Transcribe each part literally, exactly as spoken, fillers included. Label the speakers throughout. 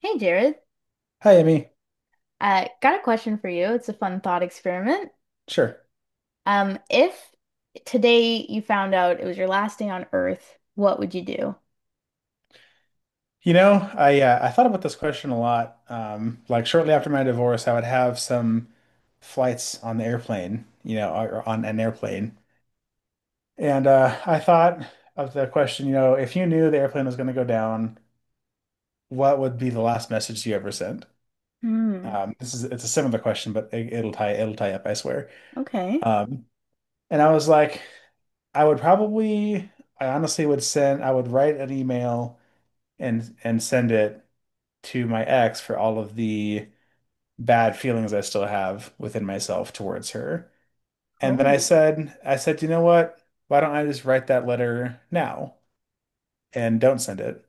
Speaker 1: Hey Jared,
Speaker 2: Hi, Emmy.
Speaker 1: uh, got a question for you. It's a fun thought experiment.
Speaker 2: Sure.
Speaker 1: Um, if today you found out it was your last day on Earth, what would you do?
Speaker 2: You know, I uh, I thought about this question a lot. Um, like shortly after my divorce, I would have some flights on the airplane, you know, or or on an airplane, and uh, I thought of the question, you know, if you knew the airplane was going to go down, what would be the last message you ever sent?
Speaker 1: Hmm.
Speaker 2: Um, this is it's a similar question, but it, it'll tie it'll tie up, I swear.
Speaker 1: Okay.
Speaker 2: Um, and I was like, I would probably, I honestly would send, I would write an email and and send it to my ex for all of the bad feelings I still have within myself towards her. And then I
Speaker 1: Oh.
Speaker 2: said, I said, you know what? Why don't I just write that letter now and don't send it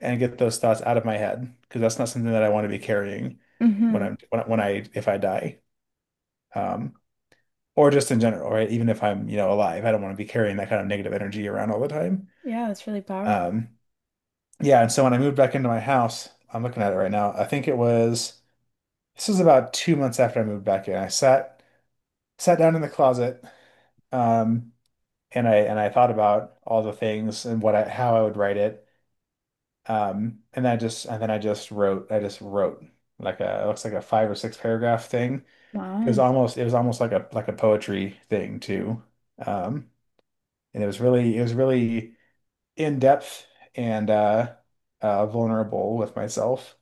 Speaker 2: and get those thoughts out of my head? Because that's not something that I want to be carrying when
Speaker 1: Mm-hmm.
Speaker 2: I'm when I, when I if I die. Um, or just in general, right? Even if I'm, you know, alive, I don't want to be carrying that kind of negative energy around all the time.
Speaker 1: Yeah, that's really powerful.
Speaker 2: Um, yeah, and so when I moved back into my house, I'm looking at it right now. I think it was This was about two months after I moved back in. I sat sat down in the closet, um, and I and I thought about all the things and what I how I would write it. Um, and I just and then I just wrote. I just wrote like a it looks like a five or six paragraph thing. It was
Speaker 1: Wow.
Speaker 2: almost it was almost like a like a poetry thing too. Um, and it was really it was really in depth and uh, uh, vulnerable with myself.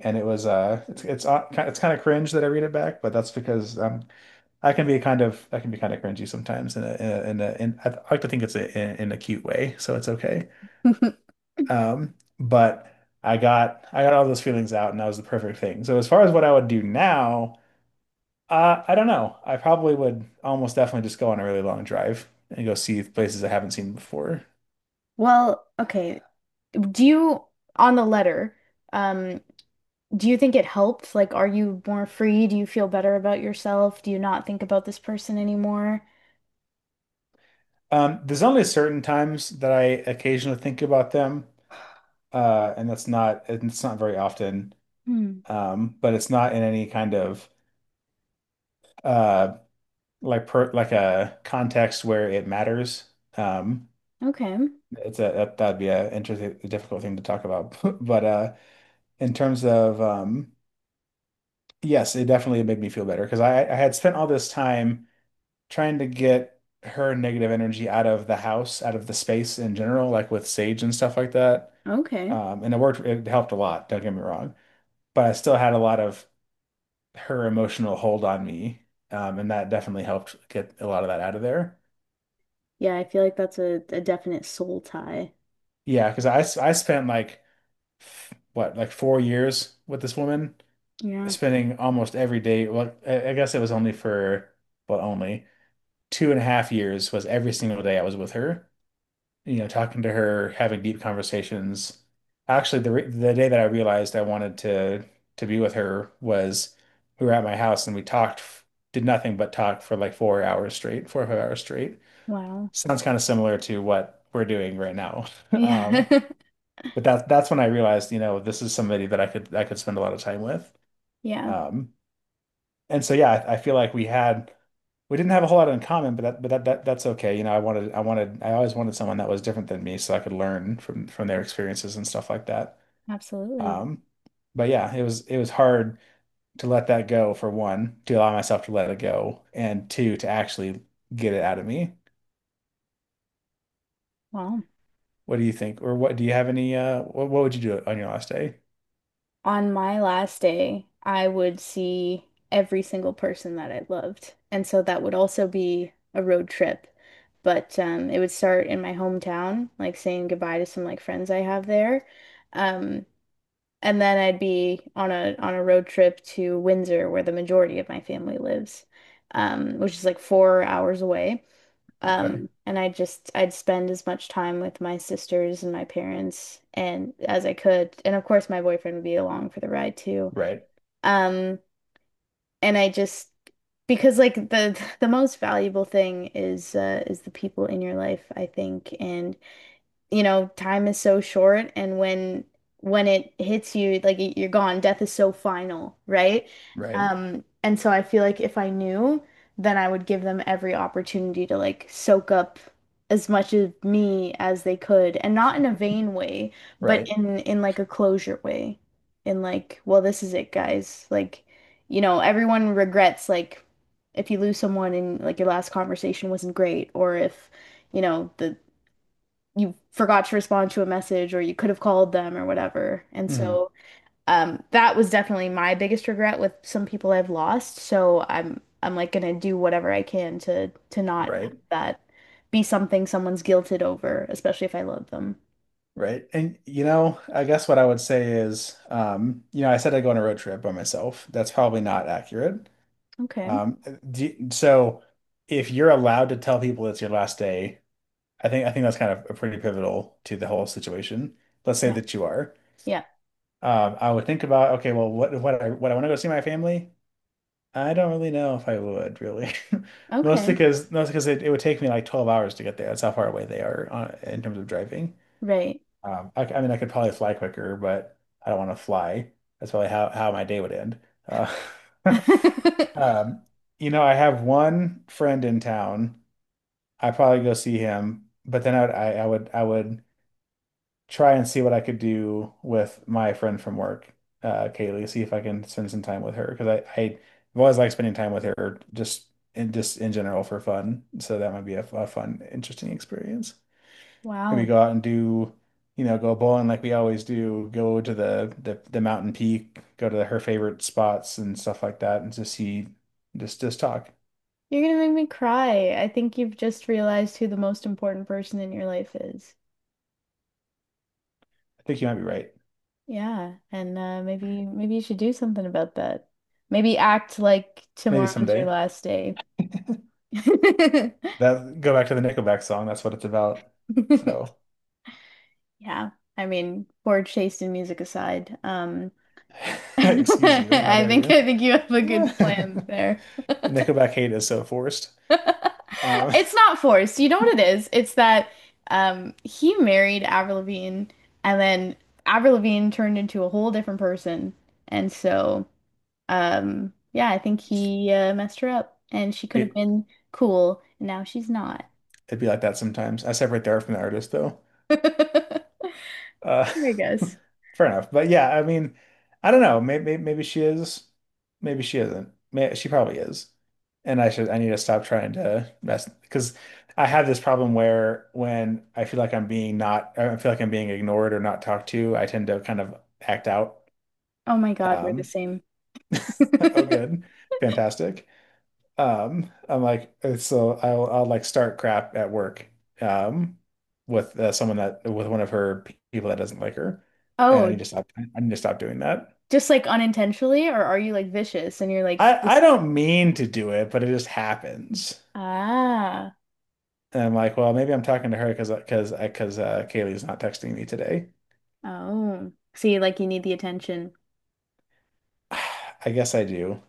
Speaker 2: And it was uh, it's it's uh, ki- it's kind of cringe that I read it back, but that's because I'm I can be kind of I can be kind of cringy sometimes in a in a, in a in, I like to think it's a, in, in a cute way, so it's okay. Um, but I got I got all those feelings out, and that was the perfect thing. So as far as what I would do now, uh, I don't know. I probably would almost definitely just go on a really long drive and go see places I haven't seen before.
Speaker 1: Well, okay. Do you, on the letter, um, do you think it helped? Like, are you more free? Do you feel better about yourself? Do you not think about this person anymore?
Speaker 2: Um, there's only certain times that I occasionally think about them, uh, and that's not it's not very often.
Speaker 1: Hmm.
Speaker 2: Um, but it's not in any kind of uh, like per like a context where it matters. Um,
Speaker 1: Okay.
Speaker 2: it's a that, that'd be a interesting, a difficult thing to talk about. But uh, in terms of um, yes, it definitely made me feel better because I I had spent all this time trying to get her negative energy out of the house, out of the space in general, like with sage and stuff like that.
Speaker 1: Okay.
Speaker 2: Um, and it worked. It helped a lot. Don't get me wrong, but I still had a lot of her emotional hold on me. Um, and that definitely helped get a lot of that out of there.
Speaker 1: Yeah, I feel like that's a, a definite soul tie.
Speaker 2: Yeah, because I, s- I spent like what, like four years with this woman,
Speaker 1: Yeah.
Speaker 2: spending almost every day. Well, I I guess it was only for, well, only two and a half years was every single day I was with her, you know, talking to her, having deep conversations. Actually, the, re- the day that I realized I wanted to, to be with her was we were at my house and we talked, f- did nothing but talk for like four hours straight, four or five hours straight.
Speaker 1: Wow.
Speaker 2: Sounds kind of similar to what we're doing right now.
Speaker 1: Yeah.
Speaker 2: Um, but that that's when I realized, you know, this is somebody that I could I could spend a lot of time with.
Speaker 1: Yeah,
Speaker 2: Um, and so yeah, I, I feel like we had we didn't have a whole lot in common, but that but that, that that's okay. You know, I wanted I wanted I always wanted someone that was different than me so I could learn from from their experiences and stuff like that.
Speaker 1: absolutely.
Speaker 2: Um, but yeah, it was it was hard to let that go for one, to allow myself to let it go, and two, to actually get it out of me.
Speaker 1: Wow.
Speaker 2: What do you think? Or what do you have any uh what, what would you do on your last day?
Speaker 1: On my last day, I would see every single person that I loved. And so that would also be a road trip. But um, it would start in my hometown, like saying goodbye to some like friends I have there. Um, and then I'd be on a on a road trip to Windsor, where the majority of my family lives, um, which is like four hours away.
Speaker 2: Okay.
Speaker 1: Um, and I just I'd spend as much time with my sisters and my parents and as I could. And of course my boyfriend would be along for the ride too.
Speaker 2: Right.
Speaker 1: Um, and I just because like the the most valuable thing is uh is the people in your life, I think. And you know, time is so short and when when it hits you, like you're gone. Death is so final, right?
Speaker 2: Right.
Speaker 1: Um, and so I feel like if I knew, then I would give them every opportunity to like soak up as much of me as they could, and not in a vain way, but
Speaker 2: Right.
Speaker 1: in in like a closure way. In like, well, this is it, guys. Like, you know, everyone regrets like if you lose someone and like your last conversation wasn't great, or if you know the you forgot to respond to a message or you could have called them or whatever. And
Speaker 2: hmm
Speaker 1: so um, that was definitely my biggest regret with some people I've lost. So I'm I'm like gonna do whatever I can to to not have
Speaker 2: Right.
Speaker 1: that be something someone's guilted over, especially if I love them.
Speaker 2: Right. And you know, I guess what I would say is, um, you know, I said I go on a road trip by myself. That's probably not accurate.
Speaker 1: Okay.
Speaker 2: Um, do, so if you're allowed to tell people it's your last day, I think I think that's kind of a pretty pivotal to the whole situation. Let's say
Speaker 1: Yeah.
Speaker 2: that you are.
Speaker 1: Yeah.
Speaker 2: Um, I would think about, okay, well, what what I what I want to go see my family? I don't really know if I would really. Mostly
Speaker 1: Okay.
Speaker 2: because mostly because it, it would take me like twelve hours to get there. That's how far away they are on, in terms of driving.
Speaker 1: Right.
Speaker 2: Um, I, I mean, I could probably fly quicker, but I don't want to fly. That's probably how, how my day would end. Uh, um, you know, I have one friend in town. I probably go see him, but then I would I, I would I would try and see what I could do with my friend from work, uh, Kaylee, see if I can spend some time with her because I, I have always liked spending time with her just in just in general for fun. So that might be a, f- a fun, interesting experience. Maybe
Speaker 1: Wow.
Speaker 2: go out and do, you know, go bowling like we always do, go to the the, the mountain peak, go to the, her favorite spots and stuff like that, and just see, just just talk.
Speaker 1: You're gonna make me cry. I think you've just realized who the most important person in your life is.
Speaker 2: I think you might be right.
Speaker 1: Yeah, and uh, maybe maybe you should do something about that. Maybe act like
Speaker 2: Maybe
Speaker 1: tomorrow's your
Speaker 2: someday.
Speaker 1: last day.
Speaker 2: That go back to the Nickelback song. That's what it's about. So,
Speaker 1: Yeah, I mean, poor taste in music aside, um,
Speaker 2: excuse you. How
Speaker 1: I
Speaker 2: dare
Speaker 1: think
Speaker 2: you?
Speaker 1: I think you have a good
Speaker 2: Yeah.
Speaker 1: plan there.
Speaker 2: Nickelback hate is so forced. Um,
Speaker 1: It's not forced. You know what it is? It's that um, he married Avril Lavigne, and then Avril Lavigne turned into a whole different person, and so. Um, yeah, I think he uh, messed her up and she could have
Speaker 2: be,
Speaker 1: been cool, and now she's not.
Speaker 2: it'd be like that sometimes. I separate the art from the artist, though.
Speaker 1: I
Speaker 2: Uh,
Speaker 1: guess.
Speaker 2: fair enough. But yeah, I mean, I don't know. Maybe maybe she is. Maybe she isn't. May she probably is. And I should I need to stop trying to mess because I have this problem where when I feel like I'm being not I feel like I'm being ignored or not talked to, I tend to kind of act out.
Speaker 1: Oh my God, we're the
Speaker 2: Um,
Speaker 1: same.
Speaker 2: oh, good, fantastic. Um, I'm like, uh, so I'll I'll like start crap at work, um, with uh, someone that with one of her pe- people that doesn't like her, and I need
Speaker 1: Oh,
Speaker 2: to stop. I need to stop doing that.
Speaker 1: just like unintentionally, or are you like vicious and you're like
Speaker 2: I I
Speaker 1: this?
Speaker 2: don't mean to do it, but it just happens.
Speaker 1: Ah,
Speaker 2: And I'm like, well, maybe I'm talking to her because because because uh, Kaylee's not texting me today.
Speaker 1: oh. See, like you need the attention.
Speaker 2: I guess I do.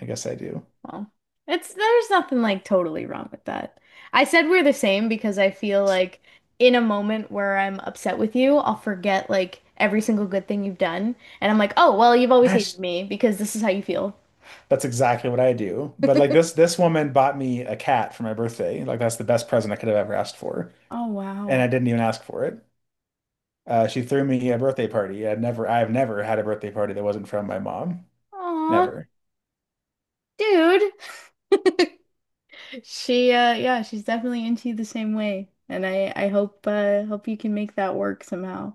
Speaker 2: I guess I do.
Speaker 1: Well, it's there's nothing like totally wrong with that. I said we're the same because I feel like in a moment where I'm upset with you, I'll forget like every single good thing you've done, and I'm like, "Oh, well, you've always hated
Speaker 2: Gosh,
Speaker 1: me because this is how you feel."
Speaker 2: that's exactly what I do. But like this this woman bought me a cat for my birthday. Like that's the best present I could have ever asked for,
Speaker 1: Oh,
Speaker 2: and
Speaker 1: wow.
Speaker 2: I didn't even ask for it. Uh, she threw me a birthday party. I'd never, I've never had a birthday party that wasn't from my mom.
Speaker 1: Aw,
Speaker 2: Never.
Speaker 1: dude. She uh yeah, she's definitely into you the same way, and I I hope uh hope you can make that work somehow.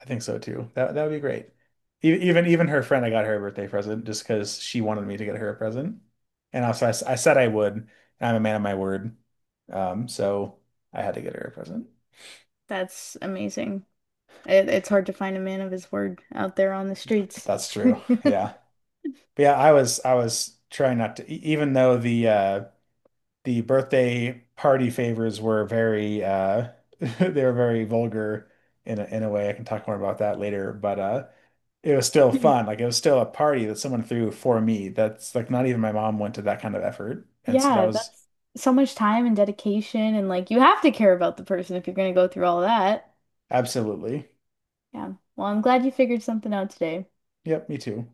Speaker 2: I think so too. That that would be great. E- Even even her friend, I got her a birthday present just because she wanted me to get her a present. And also, I, s- I said I would. And I'm a man of my word. Um, so I had to get her a present.
Speaker 1: That's amazing. It, it's hard to find a man of his word out there on the streets.
Speaker 2: That's true. Yeah. But yeah, I was I was trying not to, e- even though the uh the birthday party favors were very uh they were very vulgar in a, in a way. I can talk more about that later, but uh it was still fun. Like it was still a party that someone threw for me. That's like not even my mom went to that kind of effort. And so that
Speaker 1: Yeah,
Speaker 2: was
Speaker 1: that's so much time and dedication, and like you have to care about the person if you're going to go through all that.
Speaker 2: absolutely.
Speaker 1: Yeah. Well, I'm glad you figured something out today.
Speaker 2: Yep, me too.